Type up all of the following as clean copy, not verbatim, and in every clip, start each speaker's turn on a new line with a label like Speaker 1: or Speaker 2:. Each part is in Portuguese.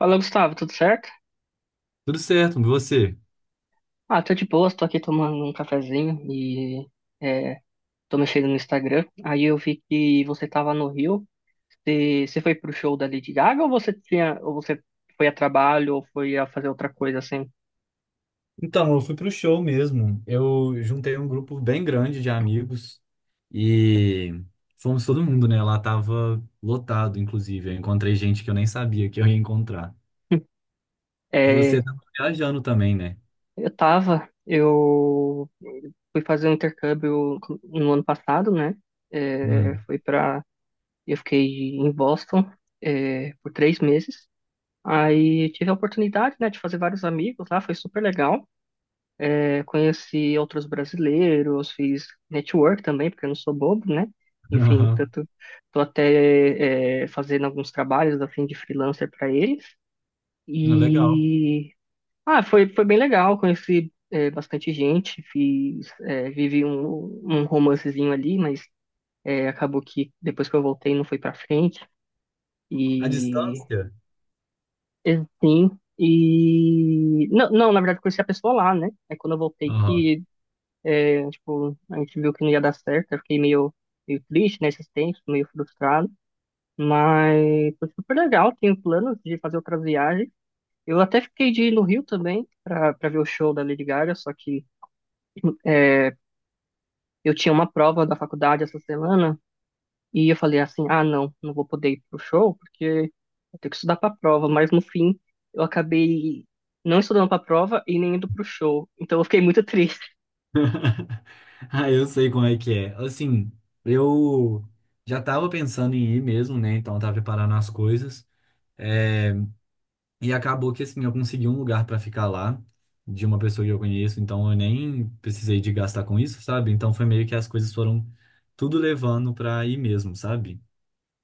Speaker 1: Fala, Gustavo, tudo certo?
Speaker 2: Tudo certo, e você?
Speaker 1: Ah, tô de boa, tô aqui tomando um cafezinho e é, tô mexendo no Instagram. Aí eu vi que você tava no Rio. Você foi pro show da Lady Gaga ou você tinha, ou você foi a trabalho ou foi a fazer outra coisa assim?
Speaker 2: Então, eu fui pro show mesmo. Eu juntei um grupo bem grande de amigos e fomos todo mundo, né? Lá tava lotado, inclusive. Eu encontrei gente que eu nem sabia que eu ia encontrar.
Speaker 1: É,
Speaker 2: Você tava viajando também, né?
Speaker 1: eu tava, eu fui fazer um intercâmbio no ano passado, né? É,
Speaker 2: Hum.
Speaker 1: fui para, eu fiquei em Boston, por três meses. Aí tive a oportunidade, né, de fazer vários amigos lá, foi super legal. Eu conheci outros brasileiros, fiz network também, porque eu não sou bobo, né? Enfim,
Speaker 2: Aham.
Speaker 1: tanto tô até fazendo alguns trabalhos a fim de freelancer para eles.
Speaker 2: Ah, legal.
Speaker 1: E ah, foi bem legal, conheci bastante gente, fiz, vivi um, um romancezinho ali, mas acabou que depois que eu voltei não foi para frente.
Speaker 2: A
Speaker 1: E
Speaker 2: distância?
Speaker 1: e, sim, e não, não, na verdade eu conheci a pessoa lá, né? É quando eu voltei
Speaker 2: Aham.
Speaker 1: que tipo, a gente viu que não ia dar certo, eu fiquei meio, meio triste nesse tempo, meio frustrado. Mas foi super legal, tenho planos de fazer outras viagens. Eu até fiquei de ir no Rio também para ver o show da Lady Gaga, só que é, eu tinha uma prova da faculdade essa semana e eu falei assim, ah, não, não vou poder ir pro show porque eu tenho que estudar para a prova. Mas no fim, eu acabei não estudando para a prova e nem indo pro show. Então eu fiquei muito triste.
Speaker 2: Ah, eu sei como é que é. Assim, eu já tava pensando em ir mesmo, né? Então eu tava preparando as coisas. É, e acabou que assim, eu consegui um lugar pra ficar lá de uma pessoa que eu conheço, então eu nem precisei de gastar com isso, sabe? Então foi meio que as coisas foram tudo levando pra ir mesmo, sabe?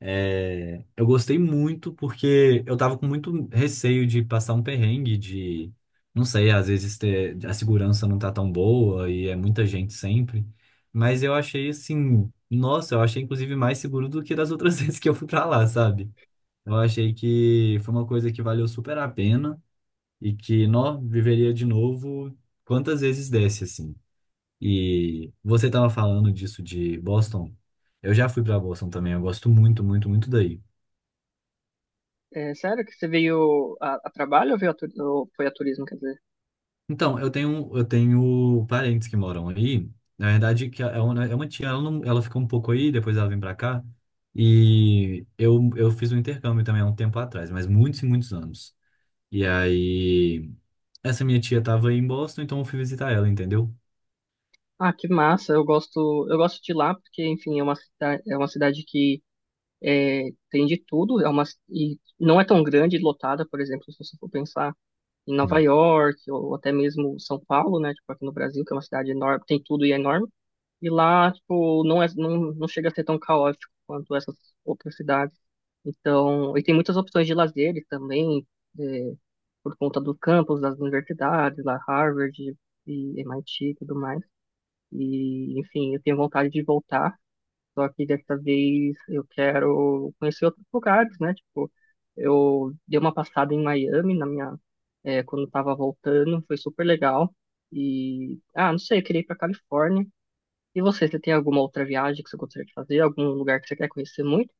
Speaker 2: É, eu gostei muito porque eu tava com muito receio de passar um perrengue, de, não sei, às vezes ter, a segurança não tá tão boa e é muita gente sempre, mas eu achei assim, nossa, eu achei inclusive mais seguro do que das outras vezes que eu fui pra lá, sabe? Eu achei que foi uma coisa que valeu super a pena e que, nó, viveria de novo quantas vezes desse, assim. E você tava falando disso de Boston. Eu já fui pra Boston também, eu gosto muito, muito, muito daí.
Speaker 1: É, sério que você veio a trabalho ou veio a, ou foi a turismo, quer dizer?
Speaker 2: Então, eu tenho parentes que moram aí. Na verdade, que é uma tia, ela, não, ela fica um pouco aí, depois ela vem pra cá. E eu fiz um intercâmbio também há um tempo atrás, mas muitos e muitos anos. E aí, essa minha tia tava aí em Boston, então eu fui visitar ela, entendeu?
Speaker 1: Ah, que massa. Eu gosto de lá porque, enfim, é uma cidade que é, tem de tudo, é uma e não é tão grande e lotada, por exemplo, se você for pensar em Nova York ou até mesmo São Paulo, né, tipo aqui no Brasil, que é uma cidade enorme, tem tudo e é enorme. E lá, tipo, não é, não, não chega a ser tão caótico quanto essas outras cidades. Então, e tem muitas opções de lazer também, é, por conta do campus das universidades, lá Harvard e MIT e tudo mais. E, enfim, eu tenho vontade de voltar, só que dessa vez eu quero conhecer outros lugares, né? Tipo, eu dei uma passada em Miami na minha, quando eu tava voltando, foi super legal. E, ah, não sei, eu queria ir pra Califórnia. E você tem alguma outra viagem que você gostaria de fazer? Algum lugar que você quer conhecer muito?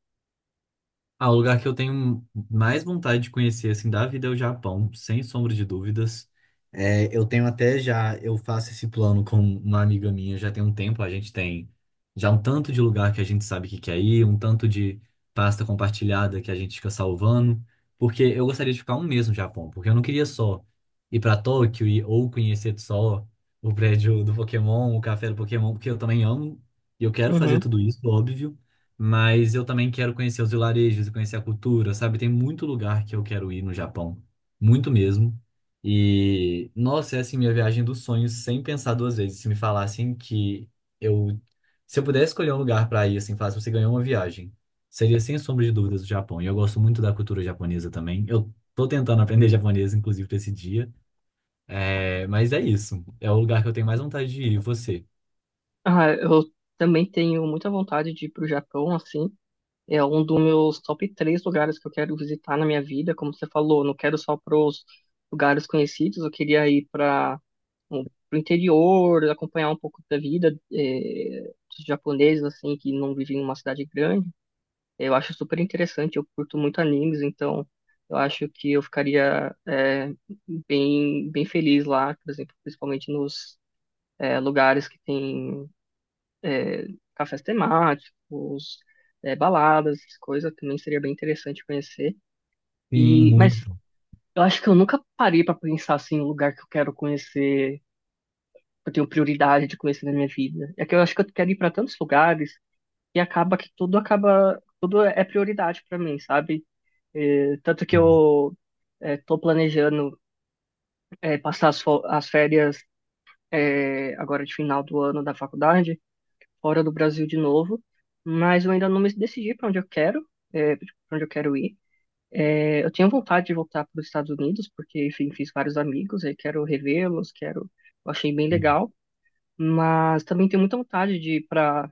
Speaker 2: Ah, o lugar que eu tenho mais vontade de conhecer, assim, da vida é o Japão, sem sombra de dúvidas. É, eu tenho até já, eu faço esse plano com uma amiga minha já tem um tempo, a gente tem já um tanto de lugar que a gente sabe que quer ir, um tanto de pasta compartilhada que a gente fica salvando, porque eu gostaria de ficar um mês no Japão, porque eu não queria só ir pra Tóquio e, ou conhecer só o prédio do Pokémon, o café do Pokémon, porque eu também amo e eu quero fazer
Speaker 1: Uhum.
Speaker 2: tudo isso, óbvio. Mas eu também quero conhecer os vilarejos e conhecer a cultura, sabe? Tem muito lugar que eu quero ir no Japão, muito mesmo. E, nossa, é assim minha viagem dos sonhos, sem pensar duas vezes. Se me falassem que eu, se eu pudesse escolher um lugar para ir, assim, fácil, você ganhou uma viagem, seria sem sombra de dúvidas o Japão. E eu gosto muito da cultura japonesa também. Eu tô tentando aprender japonês, inclusive, pra esse dia. É, mas é isso. É o lugar que eu tenho mais vontade de ir. E você?
Speaker 1: Ah, eu também tenho muita vontade de ir pro Japão, assim. É um dos meus top três lugares que eu quero visitar na minha vida. Como você falou, não quero só para os lugares conhecidos, eu queria ir para o interior, acompanhar um pouco da vida dos japoneses, assim, que não vivem em uma cidade grande. Eu acho super interessante, eu curto muito animes, então eu acho que eu ficaria bem, bem feliz lá, por exemplo, principalmente nos lugares que tem é, cafés temáticos, baladas, coisa também seria bem interessante conhecer.
Speaker 2: Sim,
Speaker 1: E, mas
Speaker 2: muito.
Speaker 1: eu acho que eu nunca parei para pensar assim, o lugar que eu quero conhecer, que eu tenho prioridade de conhecer na minha vida. É que eu acho que eu quero ir para tantos lugares e acaba que tudo acaba, tudo é prioridade para mim, sabe? É, tanto que eu tô planejando passar as, as férias agora de final do ano da faculdade fora do Brasil de novo, mas eu ainda não me decidi para onde eu quero, para onde eu quero ir. É, eu tinha vontade de voltar para os Estados Unidos, porque, enfim, fiz vários amigos, aí quero revê-los, quero, eu achei bem legal, mas também tenho muita vontade de ir para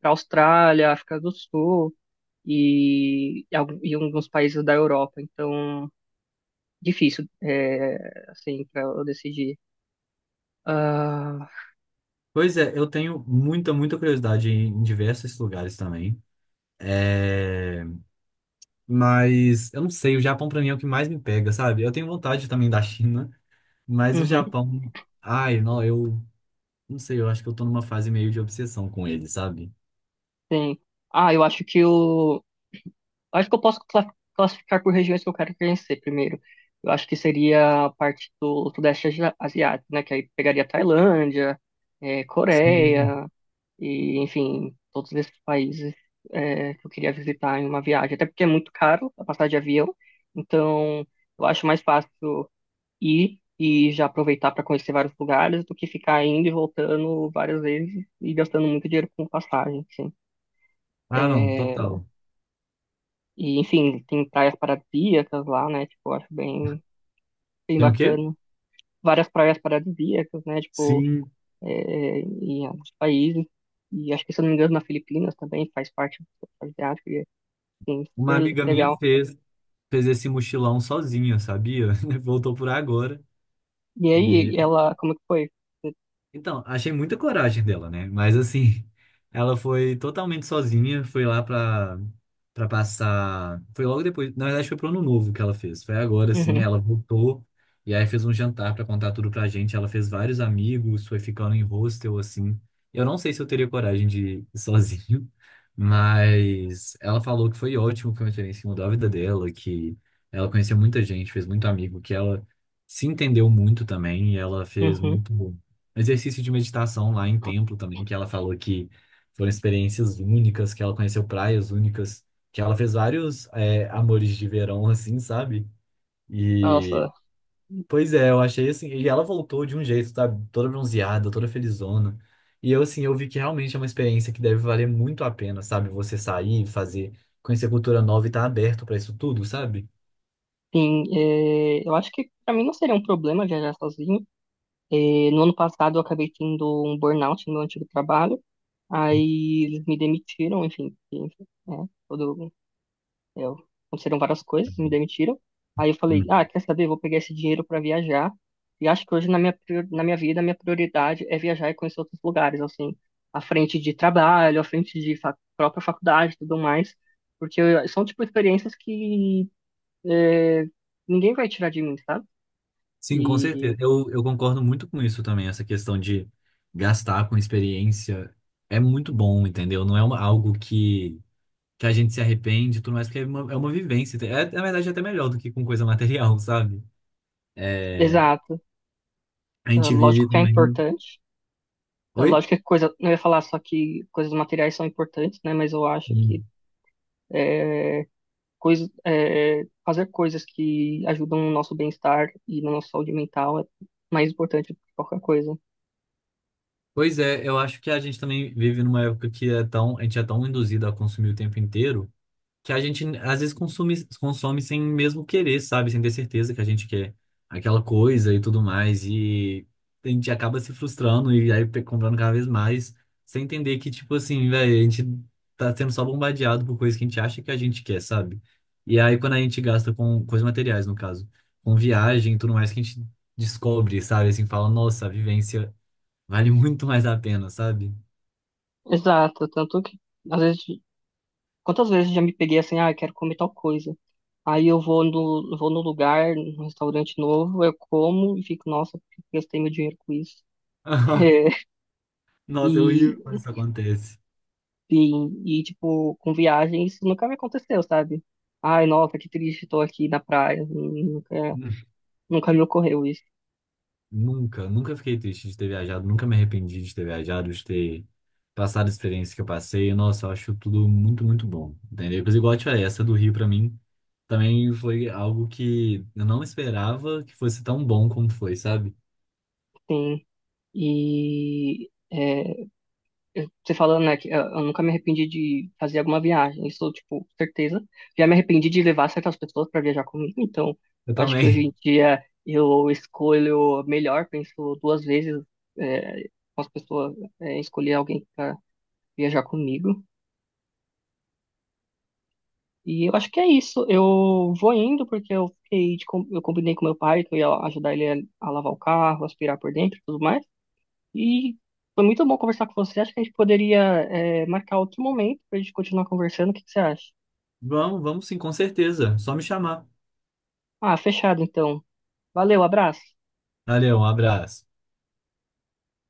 Speaker 1: para Austrália, África do Sul e e alguns países da Europa. Então, difícil, é, assim, para eu decidir. Ah,
Speaker 2: Pois é, eu tenho muita, muita curiosidade em diversos lugares também. É, mas eu não sei, o Japão pra mim é o que mais me pega, sabe? Eu tenho vontade também da China, mas o
Speaker 1: uhum,
Speaker 2: Japão. Ai, não, eu não sei, eu acho que eu tô numa fase meio de obsessão com ele, sabe?
Speaker 1: sim. Ah, eu acho que o acho que eu posso classificar por regiões que eu quero conhecer primeiro. Eu acho que seria a parte do Sudeste Asiático, né? Que aí pegaria Tailândia,
Speaker 2: Sim.
Speaker 1: Coreia, e enfim, todos esses países que eu queria visitar em uma viagem. Até porque é muito caro a passagem de avião, então eu acho mais fácil ir e já aproveitar para conhecer vários lugares do que ficar indo e voltando várias vezes e gastando muito dinheiro com passagem, assim.
Speaker 2: Ah, não, total.
Speaker 1: E, enfim, tem praias paradisíacas lá, né? Tipo, eu acho bem, bem
Speaker 2: Tem o quê?
Speaker 1: bacana. Várias praias paradisíacas, né? Tipo,
Speaker 2: Sim,
Speaker 1: em alguns países. E acho que, se eu não me engano, na Filipinas também faz parte do asiático. E, é, assim,
Speaker 2: uma
Speaker 1: super
Speaker 2: amiga minha
Speaker 1: legal.
Speaker 2: fez, fez esse mochilão sozinha, sabia? Voltou por agora.
Speaker 1: E aí, ela, como que foi?
Speaker 2: Então, achei muita coragem dela, né? Mas assim, ela foi totalmente sozinha, foi lá pra, pra passar. Foi logo depois, na verdade, foi pro ano novo que ela fez. Foi agora, assim,
Speaker 1: Uhum,
Speaker 2: ela voltou e aí fez um jantar pra contar tudo pra gente. Ela fez vários amigos, foi ficando em hostel, assim. Eu não sei se eu teria coragem de ir sozinho, mas ela falou que foi ótimo, que foi uma experiência que mudou a vida dela, que ela conheceu muita gente, fez muito amigo, que ela se entendeu muito também, e ela fez
Speaker 1: uhum.
Speaker 2: muito exercício de meditação lá em templo também, que ela falou que foram experiências únicas, que ela conheceu praias únicas, que ela fez vários é, amores de verão, assim, sabe? E,
Speaker 1: Nossa,
Speaker 2: pois é, eu achei assim, e ela voltou de um jeito, sabe? Toda bronzeada, toda felizona. E eu, assim, eu vi que realmente é uma experiência que deve valer muito a pena, sabe? Você sair, fazer, conhecer cultura nova e estar aberto para isso tudo, sabe?
Speaker 1: sim, é, eu acho que pra mim não seria um problema viajar sozinho. É, no ano passado eu acabei tendo um burnout no meu antigo trabalho. Aí eles me demitiram, enfim, enfim, né? Todo, eu, aconteceram várias coisas, me demitiram. Aí eu falei, ah, quer saber? Vou pegar esse dinheiro para viajar. E acho que hoje na minha, na minha vida, a minha prioridade é viajar e conhecer outros lugares, assim, à frente de trabalho, à frente de fa própria faculdade e tudo mais. Porque são, tipo, experiências que é, ninguém vai tirar de mim, sabe?
Speaker 2: Sim, com
Speaker 1: E,
Speaker 2: certeza. Eu concordo muito com isso também, essa questão de gastar com experiência é muito bom, entendeu? Não é uma- algo que a gente se arrepende e tudo mais, porque é uma vivência. É, na verdade, é até melhor do que com coisa material, sabe? É,
Speaker 1: exato.
Speaker 2: a
Speaker 1: É,
Speaker 2: gente
Speaker 1: lógico
Speaker 2: vive
Speaker 1: que é
Speaker 2: também.
Speaker 1: importante. É,
Speaker 2: Oi?
Speaker 1: lógico que é coisa, não ia falar só que coisas materiais são importantes, né? Mas eu acho que
Speaker 2: Hum.
Speaker 1: eh, coisa, é, fazer coisas que ajudam no nosso bem-estar e na nossa saúde mental é mais importante do que qualquer coisa.
Speaker 2: Pois é, eu acho que a gente também vive numa época que é tão, a gente é tão induzido a consumir o tempo inteiro. Que a gente às vezes consome, consome sem mesmo querer, sabe? Sem ter certeza que a gente quer aquela coisa e tudo mais. E a gente acaba se frustrando e aí pe- comprando cada vez mais, sem entender que, tipo assim, velho, a gente tá sendo só bombardeado por coisas que a gente acha que a gente quer, sabe? E aí quando a gente gasta com coisas materiais, no caso, com viagem e tudo mais, que a gente descobre, sabe? Assim, fala, nossa, a vivência vale muito mais a pena, sabe?
Speaker 1: Exato, tanto que às vezes, quantas vezes já me peguei assim, ah, eu quero comer tal coisa. Aí eu vou no lugar, num restaurante novo, eu como e fico, nossa, por que eu gastei meu dinheiro com isso.
Speaker 2: Nossa, é horrível
Speaker 1: E,
Speaker 2: quando isso acontece.
Speaker 1: e, tipo, com viagem isso nunca me aconteceu, sabe? Ai, nossa, que triste, tô aqui na praia. Nunca, nunca me ocorreu isso.
Speaker 2: Nunca, nunca fiquei triste de ter viajado, nunca me arrependi de ter viajado, de ter passado a experiência que eu passei. Nossa, eu acho tudo muito, muito bom, entendeu? Mas igual eu te falei, essa do Rio pra mim também foi algo que eu não esperava que fosse tão bom como foi, sabe?
Speaker 1: Sim. E é, você falando, né, que eu nunca me arrependi de fazer alguma viagem, isso, tipo, certeza. Já me arrependi de levar certas pessoas para viajar comigo, então
Speaker 2: Eu
Speaker 1: eu acho que hoje
Speaker 2: também.
Speaker 1: em dia eu escolho melhor, penso duas vezes é, com as pessoas, escolher alguém para viajar comigo. E eu acho que é isso. Eu vou indo porque eu fiquei de eu combinei com meu pai que eu ia ajudar ele a lavar o carro, aspirar por dentro, e tudo mais. E foi muito bom conversar com você. Acho que a gente poderia, marcar outro momento para a gente continuar conversando. O que que você acha?
Speaker 2: Vamos, vamos sim, com certeza. Só me chamar.
Speaker 1: Ah, fechado então. Valeu, abraço.
Speaker 2: Valeu, um abraço.